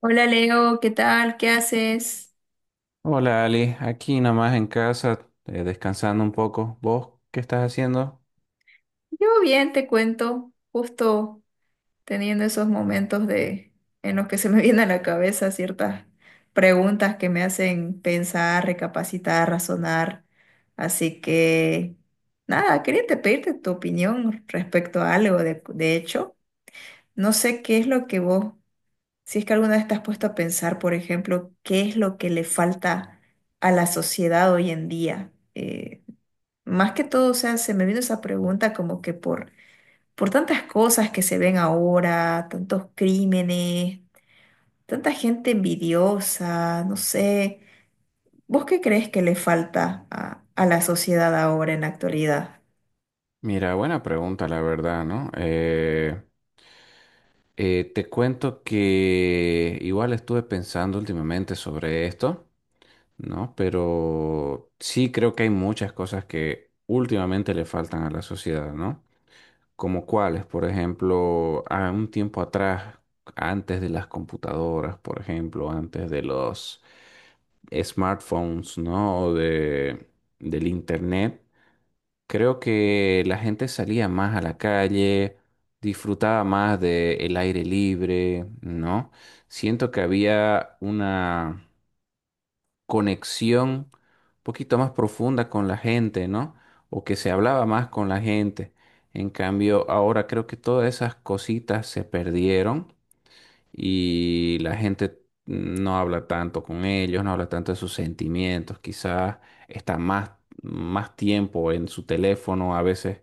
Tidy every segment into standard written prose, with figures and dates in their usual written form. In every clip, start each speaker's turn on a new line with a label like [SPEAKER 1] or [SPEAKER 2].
[SPEAKER 1] Hola Leo, ¿qué tal? ¿Qué haces?
[SPEAKER 2] Hola Ali, aquí nomás en casa, descansando un poco. ¿Vos qué estás haciendo?
[SPEAKER 1] Yo bien, te cuento, justo teniendo esos momentos de en los que se me vienen a la cabeza ciertas preguntas que me hacen pensar, recapacitar, razonar. Así que nada, quería te pedirte tu opinión respecto a algo. De hecho, no sé qué es lo que vos, si es que alguna vez te has puesto a pensar, por ejemplo, qué es lo que le falta a la sociedad hoy en día. Más que todo, o sea, se me vino esa pregunta como que por tantas cosas que se ven ahora, tantos crímenes, tanta gente envidiosa, no sé. ¿Vos qué crees que le falta a la sociedad ahora en la actualidad?
[SPEAKER 2] Mira, buena pregunta, la verdad, ¿no? Te cuento que igual estuve pensando últimamente sobre esto, ¿no? Pero sí creo que hay muchas cosas que últimamente le faltan a la sociedad, ¿no? Como cuáles, por ejemplo, a un tiempo atrás, antes de las computadoras, por ejemplo, antes de los smartphones, ¿no? O de, del internet, creo que la gente salía más a la calle, disfrutaba más del aire libre, ¿no? Siento que había una conexión un poquito más profunda con la gente, ¿no? O que se hablaba más con la gente. En cambio, ahora creo que todas esas cositas se perdieron y la gente no habla tanto con ellos, no habla tanto de sus sentimientos, quizás está más, más tiempo en su teléfono, a veces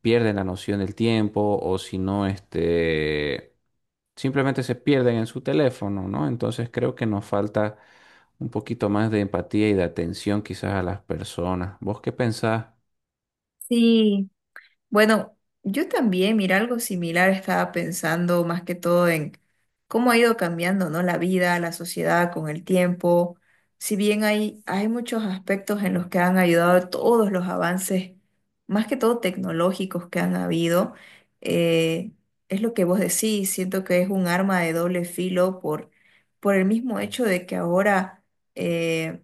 [SPEAKER 2] pierden la noción del tiempo o si no, este simplemente se pierden en su teléfono, ¿no? Entonces creo que nos falta un poquito más de empatía y de atención quizás a las personas. ¿Vos qué pensás?
[SPEAKER 1] Sí. Bueno, yo también, mira, algo similar estaba pensando más que todo en cómo ha ido cambiando, ¿no? La vida, la sociedad con el tiempo. Si bien hay muchos aspectos en los que han ayudado todos los avances, más que todo tecnológicos que han habido, eh, es lo que vos decís, siento que es un arma de doble filo por el mismo hecho de que ahora, eh,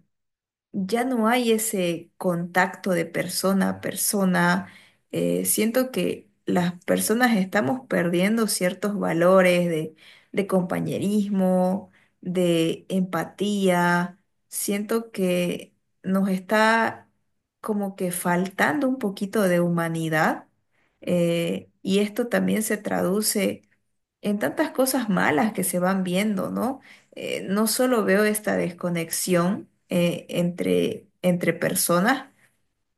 [SPEAKER 1] ya no hay ese contacto de persona a persona. Siento que las personas estamos perdiendo ciertos valores de compañerismo, de empatía. Siento que nos está como que faltando un poquito de humanidad. Y esto también se traduce en tantas cosas malas que se van viendo, ¿no? No solo veo esta desconexión entre, entre personas,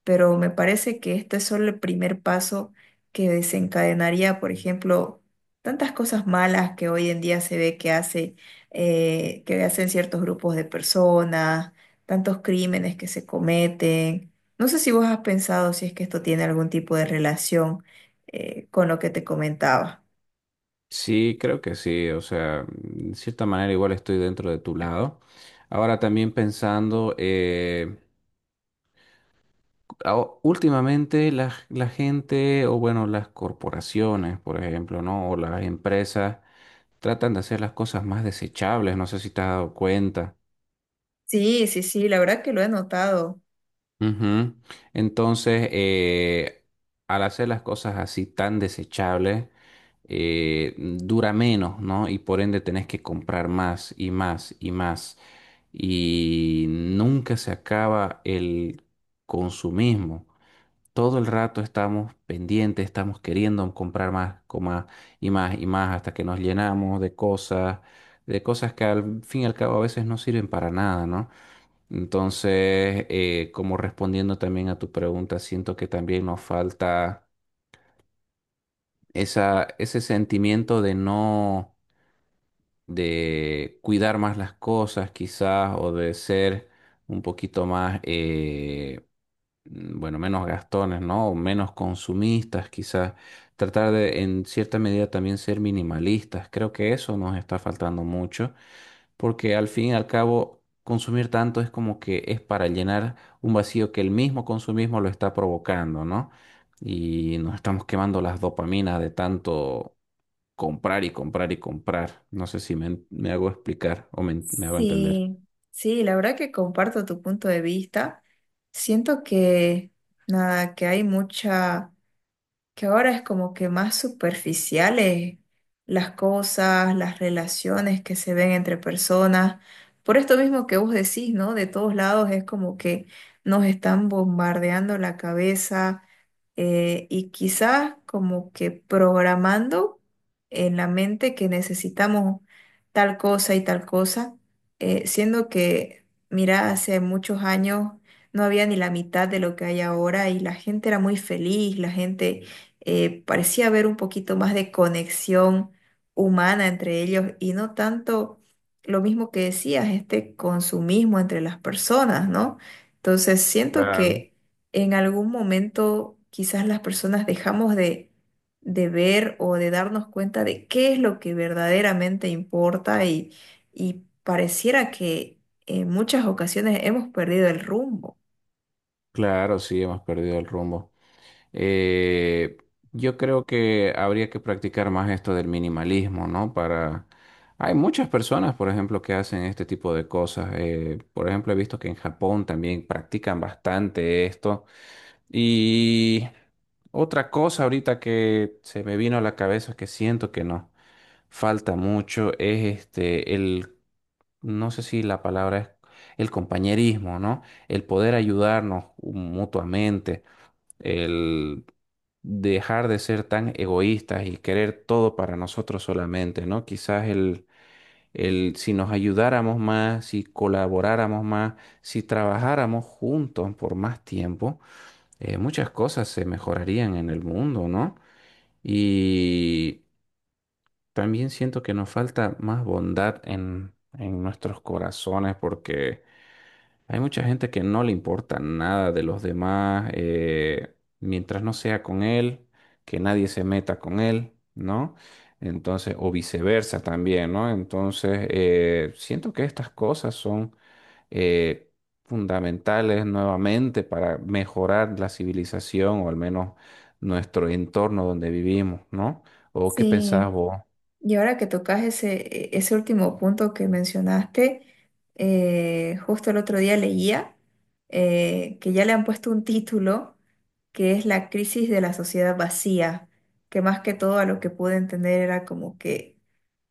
[SPEAKER 1] pero me parece que este es solo el primer paso que desencadenaría, por ejemplo, tantas cosas malas que hoy en día se ve que hace, que hacen ciertos grupos de personas, tantos crímenes que se cometen. No sé si vos has pensado si es que esto tiene algún tipo de relación con lo que te comentaba.
[SPEAKER 2] Sí, creo que sí, o sea, de cierta manera igual estoy dentro de tu lado. Ahora también pensando, últimamente la gente, o bueno, las corporaciones, por ejemplo, ¿no? O las empresas tratan de hacer las cosas más desechables, no sé si te has dado cuenta.
[SPEAKER 1] Sí, sí, sí, la verdad que lo he notado.
[SPEAKER 2] Ujú. Entonces, eh, al hacer las cosas así tan desechables, dura menos, ¿no? Y por ende tenés que comprar más y más y más. Y nunca se acaba el consumismo. Todo el rato estamos pendientes, estamos queriendo comprar más y más y más hasta que nos llenamos de cosas que al fin y al cabo a veces no sirven para nada, ¿no? Como respondiendo también a tu pregunta, siento que también nos falta esa, ese sentimiento de no, de cuidar más las cosas quizás o de ser un poquito más, bueno, menos gastones, ¿no? O menos consumistas, quizás. Tratar de, en cierta medida, también ser minimalistas. Creo que eso nos está faltando mucho, porque al fin y al cabo, consumir tanto es como que es para llenar un vacío que el mismo consumismo lo está provocando, ¿no? Y nos estamos quemando las dopaminas de tanto comprar y comprar y comprar. No sé si me hago explicar o me hago entender.
[SPEAKER 1] Sí, sí, la verdad que comparto tu punto de vista. Siento que nada, que hay mucha, que ahora es como que más superficiales las cosas, las relaciones que se ven entre personas. Por esto mismo que vos decís, ¿no? De todos lados es como que nos están bombardeando la cabeza y quizás como que programando en la mente que necesitamos tal cosa y tal cosa, siendo que, mira, hace muchos años no había ni la mitad de lo que hay ahora y la gente era muy feliz, la gente parecía haber un poquito más de conexión humana entre ellos y no tanto lo mismo que decías, este consumismo entre las personas, ¿no? Entonces siento
[SPEAKER 2] Claro.
[SPEAKER 1] que en algún momento quizás las personas dejamos de ver o de darnos cuenta de qué es lo que verdaderamente importa y pareciera que en muchas ocasiones hemos perdido el rumbo.
[SPEAKER 2] Claro, sí, hemos perdido el rumbo. Eh, yo creo que habría que practicar más esto del minimalismo, ¿no? Para... Hay muchas personas, por ejemplo, que hacen este tipo de cosas. Por ejemplo, he visto que en Japón también practican bastante esto. Y otra cosa ahorita que se me vino a la cabeza que siento que nos falta mucho es este, el, no sé si la palabra es el compañerismo, ¿no? El poder ayudarnos mutuamente el dejar de ser tan egoístas y querer todo para nosotros solamente, ¿no? Quizás el si nos ayudáramos más, si colaboráramos más, si trabajáramos juntos por más tiempo, muchas cosas se mejorarían en el mundo, ¿no? Y también siento que nos falta más bondad en nuestros corazones porque hay mucha gente que no le importa nada de los demás, mientras no sea con él, que nadie se meta con él, ¿no? Entonces, o viceversa también, ¿no? Siento que estas cosas son eh, fundamentales nuevamente para mejorar la civilización o al menos nuestro entorno donde vivimos, ¿no? ¿O qué
[SPEAKER 1] Sí.
[SPEAKER 2] pensás vos?
[SPEAKER 1] Y ahora que tocas ese, ese último punto que mencionaste, justo el otro día leía que ya le han puesto un título que es La crisis de la sociedad vacía, que más que todo a lo que pude entender era como que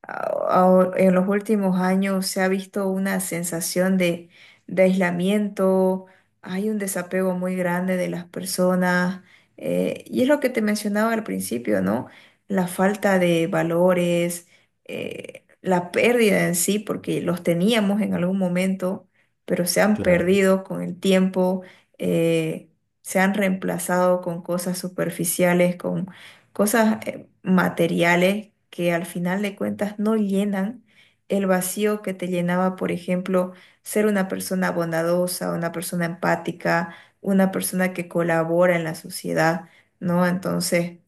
[SPEAKER 1] en los últimos años se ha visto una sensación de aislamiento, hay un desapego muy grande de las personas, y es lo que te mencionaba al principio, ¿no? La falta de valores, la pérdida en sí, porque los teníamos en algún momento, pero se han
[SPEAKER 2] Claro.
[SPEAKER 1] perdido con el tiempo, eh, se han reemplazado con cosas superficiales, con cosas materiales que al final de cuentas no llenan el vacío que te llenaba, por ejemplo, ser una persona bondadosa, una persona empática, una persona que colabora en la sociedad, ¿no? Entonces,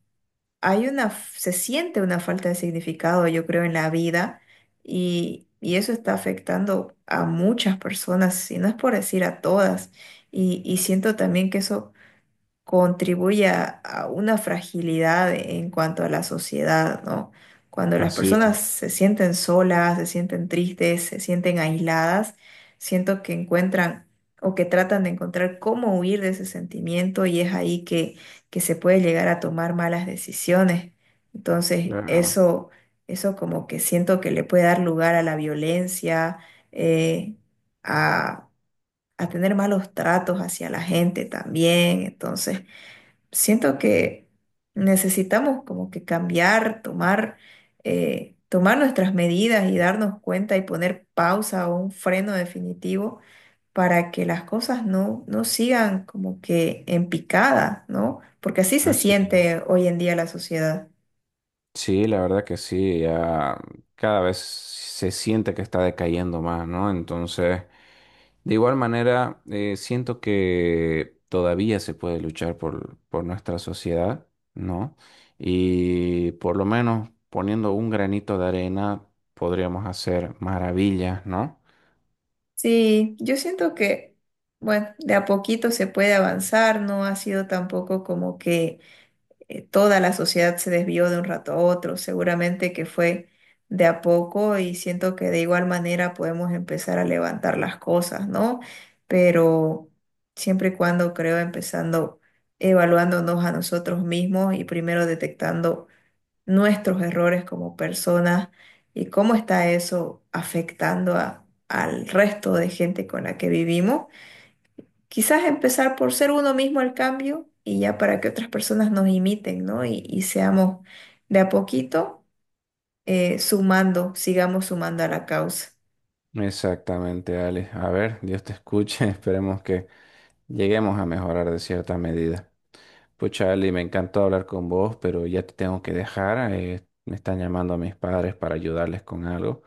[SPEAKER 1] hay una, se siente una falta de significado, yo creo, en la vida y eso está afectando a muchas personas, si no es por decir a todas. Y siento también que eso contribuye a una fragilidad en cuanto a la sociedad, ¿no? Cuando las
[SPEAKER 2] Así es,
[SPEAKER 1] personas se sienten solas, se sienten tristes, se sienten aisladas, siento que encuentran o que tratan de encontrar cómo huir de ese sentimiento y es ahí que se puede llegar a tomar malas decisiones. Entonces,
[SPEAKER 2] claro.
[SPEAKER 1] eso como que siento que le puede dar lugar a la violencia, eh, a, a tener malos tratos hacia la gente también. Entonces, siento que necesitamos como que cambiar, tomar, tomar nuestras medidas y darnos cuenta y poner pausa o un freno definitivo para que las cosas no, no sigan como que en picada, ¿no? Porque así se
[SPEAKER 2] Así es.
[SPEAKER 1] siente hoy en día la sociedad.
[SPEAKER 2] Sí, la verdad que sí, ya cada vez se siente que está decayendo más, ¿no? De igual manera, siento que todavía se puede luchar por nuestra sociedad, ¿no? Y por lo menos poniendo un granito de arena podríamos hacer maravillas, ¿no?
[SPEAKER 1] Sí, yo siento que, bueno, de a poquito se puede avanzar, no ha sido tampoco como que toda la sociedad se desvió de un rato a otro, seguramente que fue de a poco y siento que de igual manera podemos empezar a levantar las cosas, ¿no? Pero siempre y cuando creo empezando evaluándonos a nosotros mismos y primero detectando nuestros errores como personas y cómo está eso afectando al resto de gente con la que vivimos. Quizás empezar por ser uno mismo el cambio y ya para que otras personas nos imiten, ¿no? Y seamos de a poquito sumando, sigamos sumando a la causa.
[SPEAKER 2] Exactamente, Alex. A ver, Dios te escuche, esperemos que lleguemos a mejorar de cierta medida. Pues Charlie, me encantó hablar con vos, pero ya te tengo que dejar. Me están llamando a mis padres para ayudarles con algo.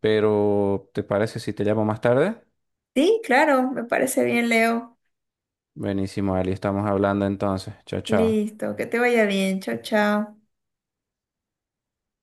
[SPEAKER 2] Pero, ¿te parece si te llamo más tarde?
[SPEAKER 1] Sí, claro, me parece bien, Leo.
[SPEAKER 2] Buenísimo, Ali, estamos hablando entonces. Chao, chao.
[SPEAKER 1] Listo, que te vaya bien. Chao, chao.